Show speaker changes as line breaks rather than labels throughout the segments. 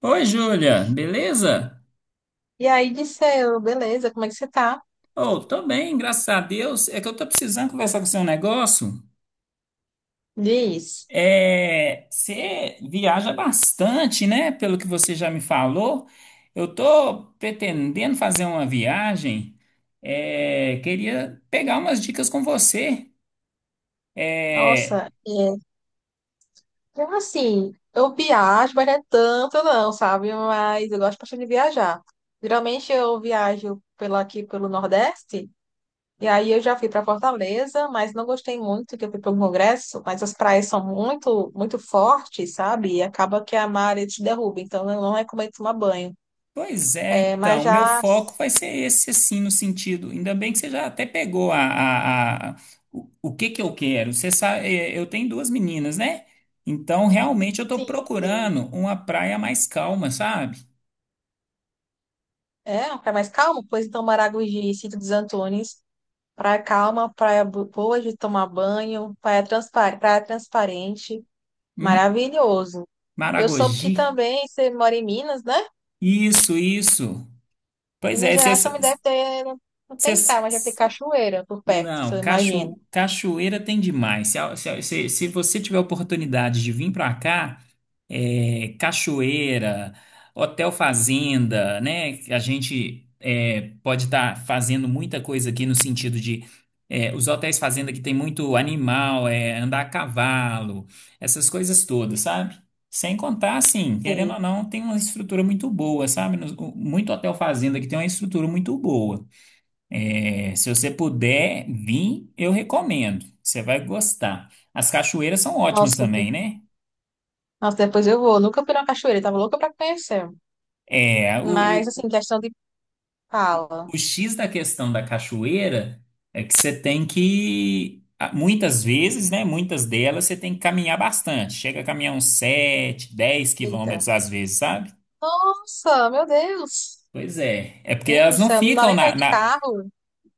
Oi, Júlia, beleza?
E aí disse eu, beleza, como é que você tá?
Oh, tô bem, graças a Deus. É que eu tô precisando conversar com você um negócio.
Diz,
Você viaja bastante, né? Pelo que você já me falou. Eu tô pretendendo fazer uma viagem. Queria pegar umas dicas com você. É,
nossa, é, então, assim, eu viajo, mas não é tanto não, sabe? Mas eu gosto bastante de viajar. Geralmente eu viajo pela aqui pelo Nordeste, e aí eu já fui para Fortaleza, mas não gostei muito que eu fui para o Congresso, mas as praias são muito, muito fortes, sabe? E acaba que a maré te derruba, então eu não recomendo tomar banho.
Pois é,
É, mas
então, meu
já,
foco vai ser esse, assim, no sentido. Ainda bem que você já até pegou o que que eu quero. Você sabe, eu tenho duas meninas, né? Então, realmente, eu tô
sim, sim.
procurando uma praia mais calma, sabe?
É, um lugar mais calmo, pois então Maragogi e Sítio dos Antunes. Praia calma, praia boa de tomar banho, praia, praia transparente,
Hum.
maravilhoso. Eu soube que
Maragogi.
também você mora em Minas, né?
Isso, isso. Pois
Minas
é, você.
Gerais também deve ter, não tem praia, mas deve ter cachoeira por perto, se
Não,
eu imagino.
cachoeira tem demais. Se, a- se, a- se- Se você tiver oportunidade de vir para cá, cachoeira, hotel fazenda, né? A gente pode estar fazendo muita coisa aqui no sentido de os hotéis fazenda, que tem muito animal, andar a cavalo, essas coisas todas, sabe? Sem contar, assim, querendo
Sei.
ou não, tem uma estrutura muito boa, sabe? Muito hotel fazenda que tem uma estrutura muito boa. Se você puder vir, eu recomendo. Você vai gostar. As cachoeiras são ótimas
Nossa, de-
também, né?
nossa, depois eu vou. Nunca fui na cachoeira, tava louca pra conhecer.
É, o,
Mas,
o,
assim, questão de fala.
o X da questão da cachoeira é que você tem que, muitas vezes, né? Muitas delas você tem que caminhar bastante. Chega a caminhar uns 7 dez
Eita.
quilômetros às vezes, sabe?
Nossa, meu Deus!
Pois é. É porque
Gente do
elas não
céu, não dá
ficam
nem pra ir de carro.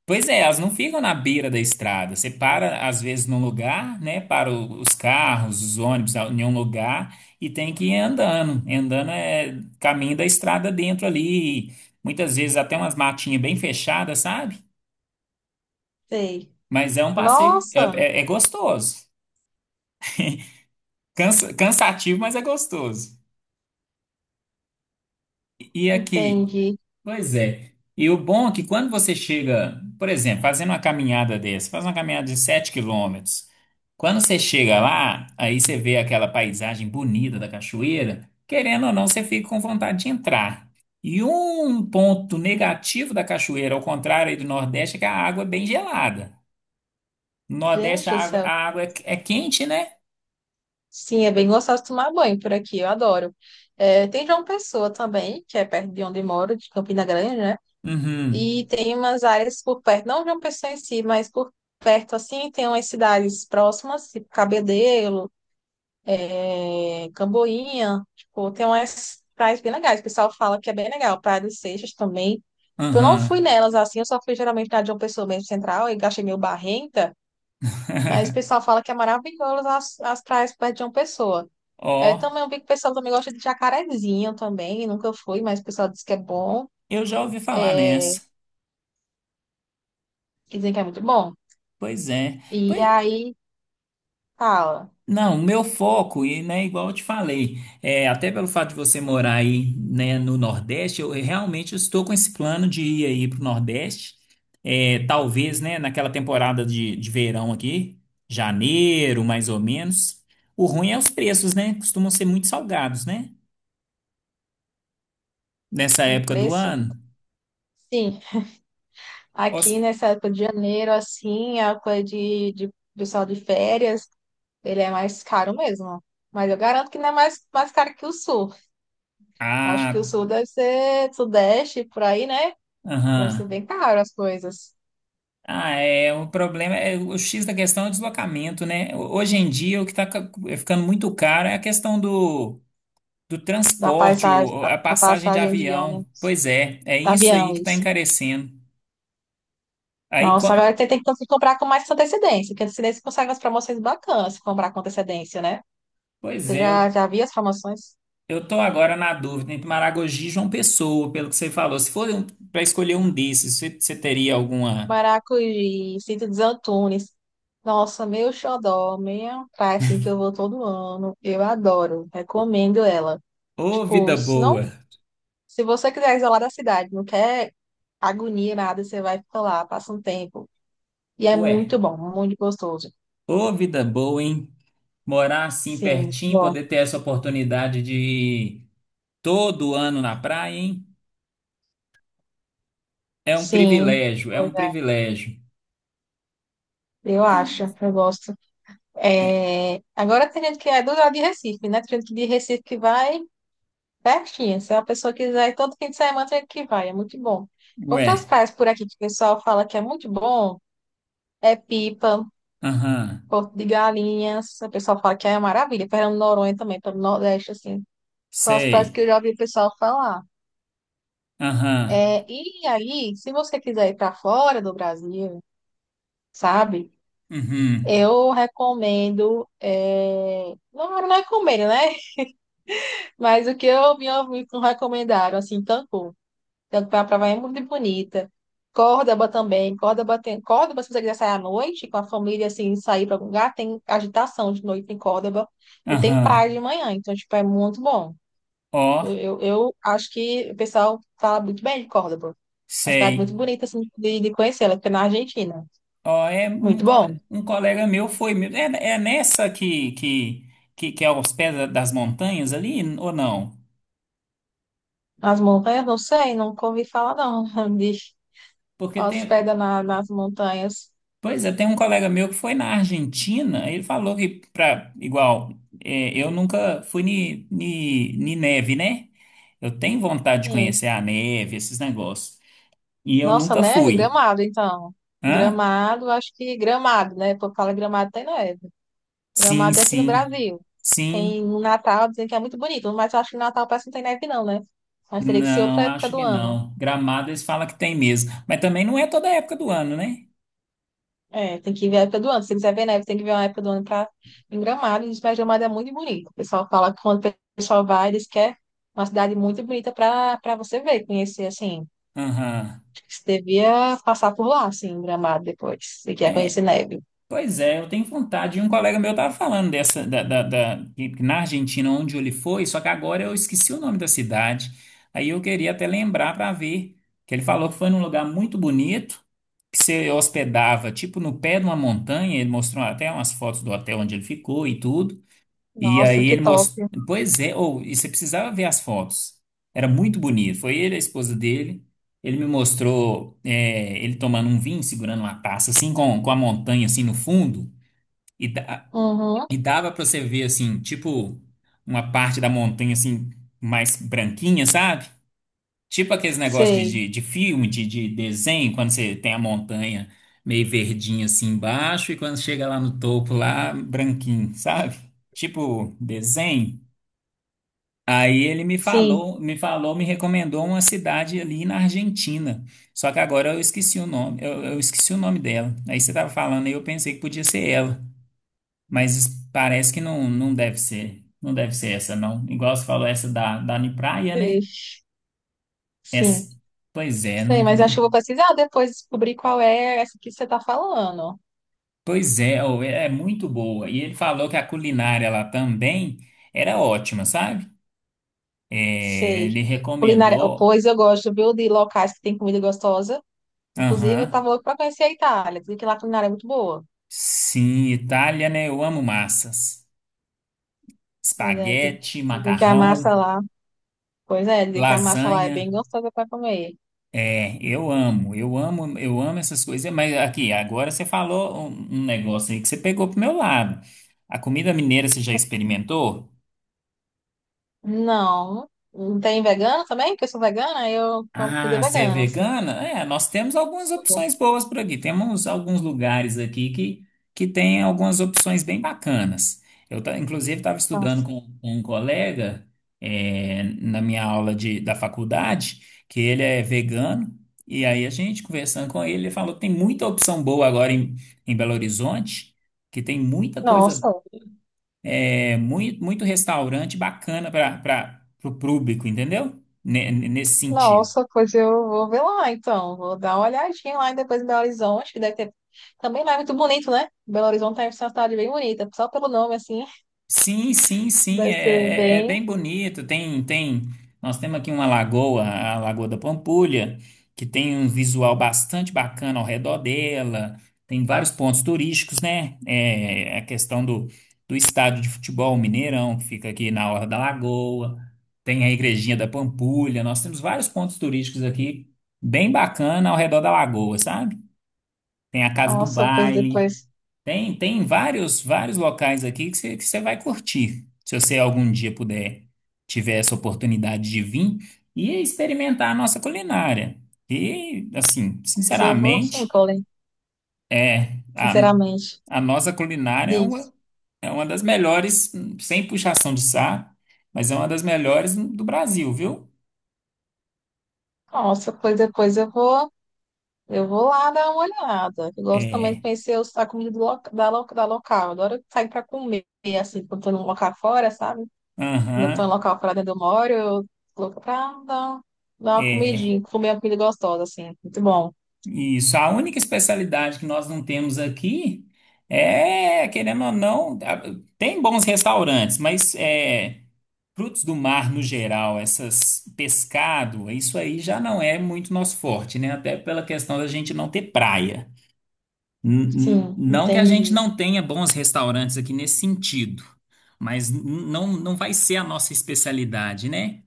Pois é, elas não ficam na beira da estrada. Você para, às vezes, num lugar, né? Para os carros, os ônibus, em um lugar, e tem que ir andando. Andando é caminho da estrada dentro ali. Muitas vezes até umas matinhas bem fechadas, sabe?
Sei.
Mas é um passeio,
Nossa,
é gostoso. Cansativo, mas é gostoso. E aqui.
entendi.
Pois é. E o bom é que quando você chega, por exemplo, fazendo uma caminhada dessa, faz uma caminhada de 7 quilômetros, quando você chega lá, aí você vê aquela paisagem bonita da cachoeira, querendo ou não, você fica com vontade de entrar. E um ponto negativo da cachoeira, ao contrário aí do Nordeste, é que a água é bem gelada. No Nordeste
Gente do céu.
a água é quente, né?
Sim, é bem gostoso tomar banho por aqui, eu adoro. É, tem João Pessoa também, que é perto de onde moro, de Campina Grande, né?
Uhum,
E tem umas áreas por perto, não João Pessoa em si, mas por perto, assim, tem umas cidades próximas, tipo Cabedelo, é, Camboinha, tipo, tem umas praias bem legais. O pessoal fala que é bem legal, Praia dos Seixas também. Eu não fui
uhum.
nelas, assim, eu só fui geralmente na de João Pessoa mesmo, central, e achei meio barrenta, mas o pessoal fala que é maravilhoso as praias perto de João Pessoa. É,
Ó,
também eu vi que o pessoal também gosta de jacarezinho também, nunca fui, mas o pessoal diz que é bom,
eu já ouvi falar nessa.
e dizem que é muito bom.
Pois é.
E
Pois
aí, fala,
Não, o meu foco, e né, igual eu te falei, até pelo fato de você morar aí, né, no Nordeste, eu realmente estou com esse plano de ir aí para o Nordeste, talvez, né, naquela temporada de verão aqui, janeiro, mais ou menos. O ruim é os preços, né? Costumam ser muito salgados, né? Nessa
o
época do
preço?
ano.
Sim, aqui
Os-
nessa época de janeiro, assim, a época de pessoal de férias, ele é mais caro mesmo. Mas eu garanto que não é mais caro que o sul. Acho que o
Ah,
sul deve ser sudeste, por aí, né? Deve ser
aham.
bem caro as coisas
Ah, o problema é o X da questão é o deslocamento, né? Hoje em dia, o que está ficando muito caro é a questão do do
da
transporte,
paisagem, a
a
a
passagem de
passagem de
avião.
ônibus,
Pois é, é
da
isso aí
avião,
que está
isso.
encarecendo. Aí,
Nossa, agora tem que comprar com mais antecedência, porque antecedência consegue umas promoções bacanas se comprar com antecedência, né?
pois
Você
é,
já, já viu as promoções?
eu tô agora na dúvida entre Maragogi e João Pessoa, pelo que você falou. Se for para escolher um desses, você teria alguma.
Maracujá, Cinto dos Antunes. Nossa, meu xodó, minha praia, assim, que eu vou todo ano. Eu adoro, recomendo ela.
Ô,
Tipo,
vida
se não,
boa!
se você quiser isolar da cidade, não quer agonia, nada, você vai ficar lá, passa um tempo. E é
Ué,
muito bom, muito gostoso.
ô, vida boa, hein? Morar assim
Sim, muito
pertinho,
bom.
poder ter essa oportunidade de ir todo ano na praia, hein? É um
Sim,
privilégio, é
pois
um
é,
privilégio.
eu acho, eu gosto.
É,
É, agora tem gente que é do lado de Recife, né? Tem gente que de Recife que vai pertinho. Se é uma pessoa quiser, ir todo fim de semana tem gente que vai, é muito bom.
ué,
Outras praias por aqui que o pessoal fala que é muito bom é Pipa,
aham,
Porto de Galinhas. O pessoal fala que é uma maravilha. Fernando de Noronha também, pelo Nordeste, assim. São as praias que
sei.
eu já ouvi o pessoal falar.
Aham.
É, e aí, se você quiser ir para fora do Brasil, sabe?
Uhum.
Eu recomendo. É, não recomendo, né? Mas o que eu me ouvi me recomendaram, assim, Cancún. Então, a praia é muito bonita. Córdoba também, Córdoba tem... Córdoba, se você quiser sair à noite com a família, assim, sair para algum lugar, tem agitação de noite em Córdoba e tem
Aham.
praia de manhã, então, tipo, é muito bom.
Ó,
Eu, eu acho que o pessoal fala muito bem de Córdoba. Uma cidade muito
sei.
bonita, assim, de conhecer, ela fica na Argentina.
Ó, é um,
Muito bom.
colega meu foi mesmo. É nessa que é aos pés das montanhas ali, ou não?
As montanhas, não sei, nunca ouvi falar, não, de
Porque tem.
hospeda na, nas montanhas.
Pois é, tem um colega meu que foi na Argentina, ele falou que, pra, igual, eu nunca fui ni, ni, ni neve, né? Eu tenho vontade de
Sim.
conhecer a neve, esses negócios. E eu
Nossa,
nunca
neve,
fui.
Gramado, então.
Hã?
Gramado, acho que Gramado, né? Por falar Gramado tem neve.
Sim,
Gramado é aqui no
sim.
Brasil.
Sim.
Tem no Natal, dizem que é muito bonito, mas eu acho que no Natal parece que não tem neve, não, né? Mas teria que ser outra
Não,
época
acho
do
que
ano.
não. Gramado eles falam que tem mesmo, mas também não é toda época do ano, né?
É, tem que ver a época do ano. Se quiser ver neve, tem que ver uma época do ano pra... em Gramado. E diz, mas Gramado é muito bonito. O pessoal fala que quando o pessoal vai, diz que é uma cidade muito bonita para você ver, conhecer, assim.
Aham.
Acho que você devia passar por lá, assim, em Gramado depois, se quer
É,
conhecer neve.
Pois é, eu tenho vontade. E um colega meu tava falando dessa, que na Argentina, onde ele foi, só que agora eu esqueci o nome da cidade. Aí eu queria até lembrar para ver, que ele falou que foi num lugar muito bonito, que você hospedava, tipo, no pé de uma montanha. Ele mostrou até umas fotos do hotel onde ele ficou e tudo. E
Nossa,
aí
que
ele
top.
mostrou. Pois é, ou e você precisava ver as fotos. Era muito bonito. Foi ele, a esposa dele. Ele me mostrou ele tomando um vinho, segurando uma taça, assim, com a montanha, assim, no fundo. E, da-
Uhum,
e dava pra você ver, assim, tipo, uma parte da montanha, assim, mais branquinha, sabe? Tipo aqueles negócios
sei.
de filme, de desenho, quando você tem a montanha meio verdinha, assim, embaixo, e quando chega lá no topo, lá, branquinho, sabe? Tipo, desenho. Aí ele me
Sim,
falou, me recomendou uma cidade ali na Argentina. Só que agora eu esqueci o nome, eu esqueci o nome dela. Aí você estava falando e eu pensei que podia ser ela, mas parece que não, não deve ser, não deve ser essa não. Igual você falou essa da Praia, né?
sei. Sim.
Essa, pois é,
Sei,
não,
mas acho que eu vou precisar depois descobrir qual é essa que você está falando.
pois é, ô, é muito boa. E ele falou que a culinária lá também era ótima, sabe? Ele
Sei. Culinária. Oh,
recomendou.
pois eu gosto, viu, de locais que tem comida gostosa. Inclusive, eu
Aham.
estava louco para conhecer a Itália. Dizem que lá a culinária é muito boa.
Sim, Itália, né? Eu amo massas.
Verdade.
Espaguete,
Dizem que a
macarrão,
massa lá. Pois é, dizem que a massa lá é
lasanha.
bem gostosa para comer.
Eu amo, eu amo, eu amo essas coisas. Mas aqui, agora você falou um negócio aí que você pegou pro meu lado. A comida mineira você já experimentou?
Não. Não tem vegano também? Porque eu sou vegana, aí eu como comida
Ah, você é
vegana, assim.
vegana? Nós temos algumas
Sou.
opções boas por aqui. Temos alguns lugares aqui que tem algumas opções bem bacanas. Eu, inclusive, estava estudando
Nossa.
com um colega, na minha aula de, da faculdade, que ele é vegano. E aí, a gente conversando com ele, ele falou que tem muita opção boa agora em Belo Horizonte, que tem muita coisa,
Nossa.
muito, muito restaurante bacana para o público, entendeu? Nesse sentido.
Nossa, pois eu vou ver lá, então. Vou dar uma olhadinha lá e depois em Belo Horizonte, que deve ter. Também lá é muito bonito, né? Belo Horizonte é uma cidade bem bonita, só pelo nome, assim,
Sim, sim, sim,
deve ser
é
bem.
bem bonito. Nós temos aqui uma lagoa, a Lagoa da Pampulha, que tem um visual bastante bacana ao redor dela. Tem vários pontos turísticos, né? A questão do estádio de futebol Mineirão, que fica aqui na Orla da Lagoa. Tem a Igrejinha da Pampulha. Nós temos vários pontos turísticos aqui, bem bacana ao redor da lagoa, sabe? Tem a Casa do
Nossa, pois
Baile.
depois.
Tem vários, vários locais aqui que você vai curtir, se você algum dia puder, tiver essa oportunidade de vir e experimentar a nossa culinária. E, assim,
Pois eu vou, sim,
sinceramente,
Colin,
é a,
sinceramente.
a nossa culinária
Diz.
é uma das melhores, sem puxação de saco, mas é uma das melhores do Brasil, viu?
Nossa, pois depois eu vou. Eu vou lá dar uma olhada. Eu gosto também de
É,
conhecer a comida do da local. Eu adoro sair para comer, assim, quando estou num local fora, sabe? Ainda estou em
aham,
local pra dentro do moro, eu coloco pra dar, uma
é.
comidinha, comer uma comida gostosa, assim. Muito bom.
Isso, a única especialidade que nós não temos aqui é, querendo ou não, tem bons restaurantes, mas é, frutos do mar no geral, essas pescado, isso aí já não é muito nosso forte, né? Até pela questão da gente não ter praia.
Sim,
Não que a gente
entendi.
não tenha bons restaurantes aqui nesse sentido, mas não, não vai ser a nossa especialidade, né?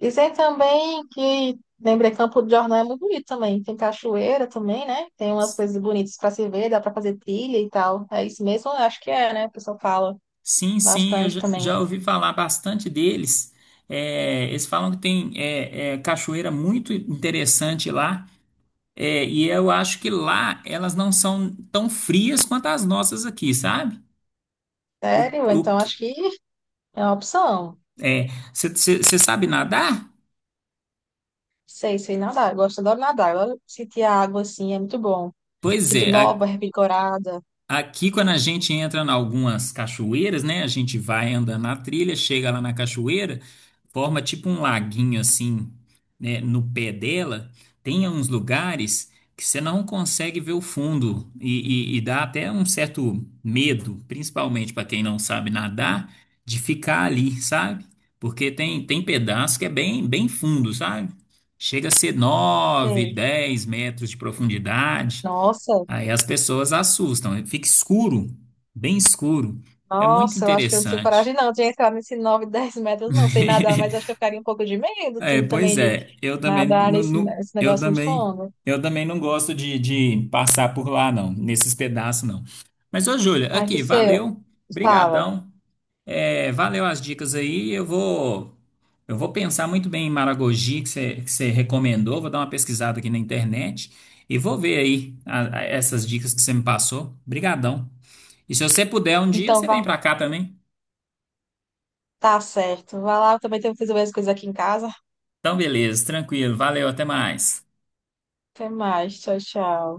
Dizer também que lembrei Campo de Jordão é muito bonito também. Tem cachoeira também, né? Tem umas coisas bonitas para se ver, dá para fazer trilha e tal. É isso mesmo? Eu acho que é, né? O pessoal fala
Sim, sim, eu
bastante também.
já ouvi falar bastante deles. Eles falam que tem cachoeira muito interessante lá. E eu acho que lá elas não são tão frias quanto as nossas aqui, sabe? O,
Sério?
o,
Então
que-
acho que é uma opção.
é, Você sabe nadar?
Sei, sei nadar. Eu gosto, adoro nadar. Eu adoro sentir a água assim, é muito bom.
Pois
Sinto
é.
nova, revigorada.
Aqui, quando a gente entra em algumas cachoeiras, né? A gente vai andando na trilha, chega lá na cachoeira, forma tipo um laguinho assim, né? No pé dela, tem uns lugares que você não consegue ver o fundo e, e dá até um certo medo, principalmente para quem não sabe nadar, de ficar ali, sabe? Porque tem pedaço que é bem, bem fundo, sabe? Chega a ser 9,
Sei.
10 metros de profundidade.
Nossa.
Aí as pessoas assustam, fica escuro, bem escuro. É muito
Nossa, eu acho que eu não tinha coragem,
interessante.
não, de entrar nesses 9, 10 metros, não. Sei nadar, mas acho que eu ficaria um pouco de medo, sim,
Pois
também de
é, eu também,
nadar nesse, nesse
eu
negócio muito
também,
longo.
não gosto de passar por lá, não, nesses pedaços, não. Mas, ô, Júlia,
Mas
aqui,
seu,
valeu,
fala.
brigadão, valeu as dicas aí, eu vou pensar muito bem em Maragogi, que você recomendou, vou dar uma pesquisada aqui na internet e vou ver aí essas dicas que você me passou. Brigadão. E se você puder um dia,
Então,
você vem
vá,
pra cá também.
tá certo. Vai lá, eu também tenho que fazer as coisas aqui em casa.
Então, beleza, tranquilo. Valeu, até mais.
Até mais, tchau, tchau.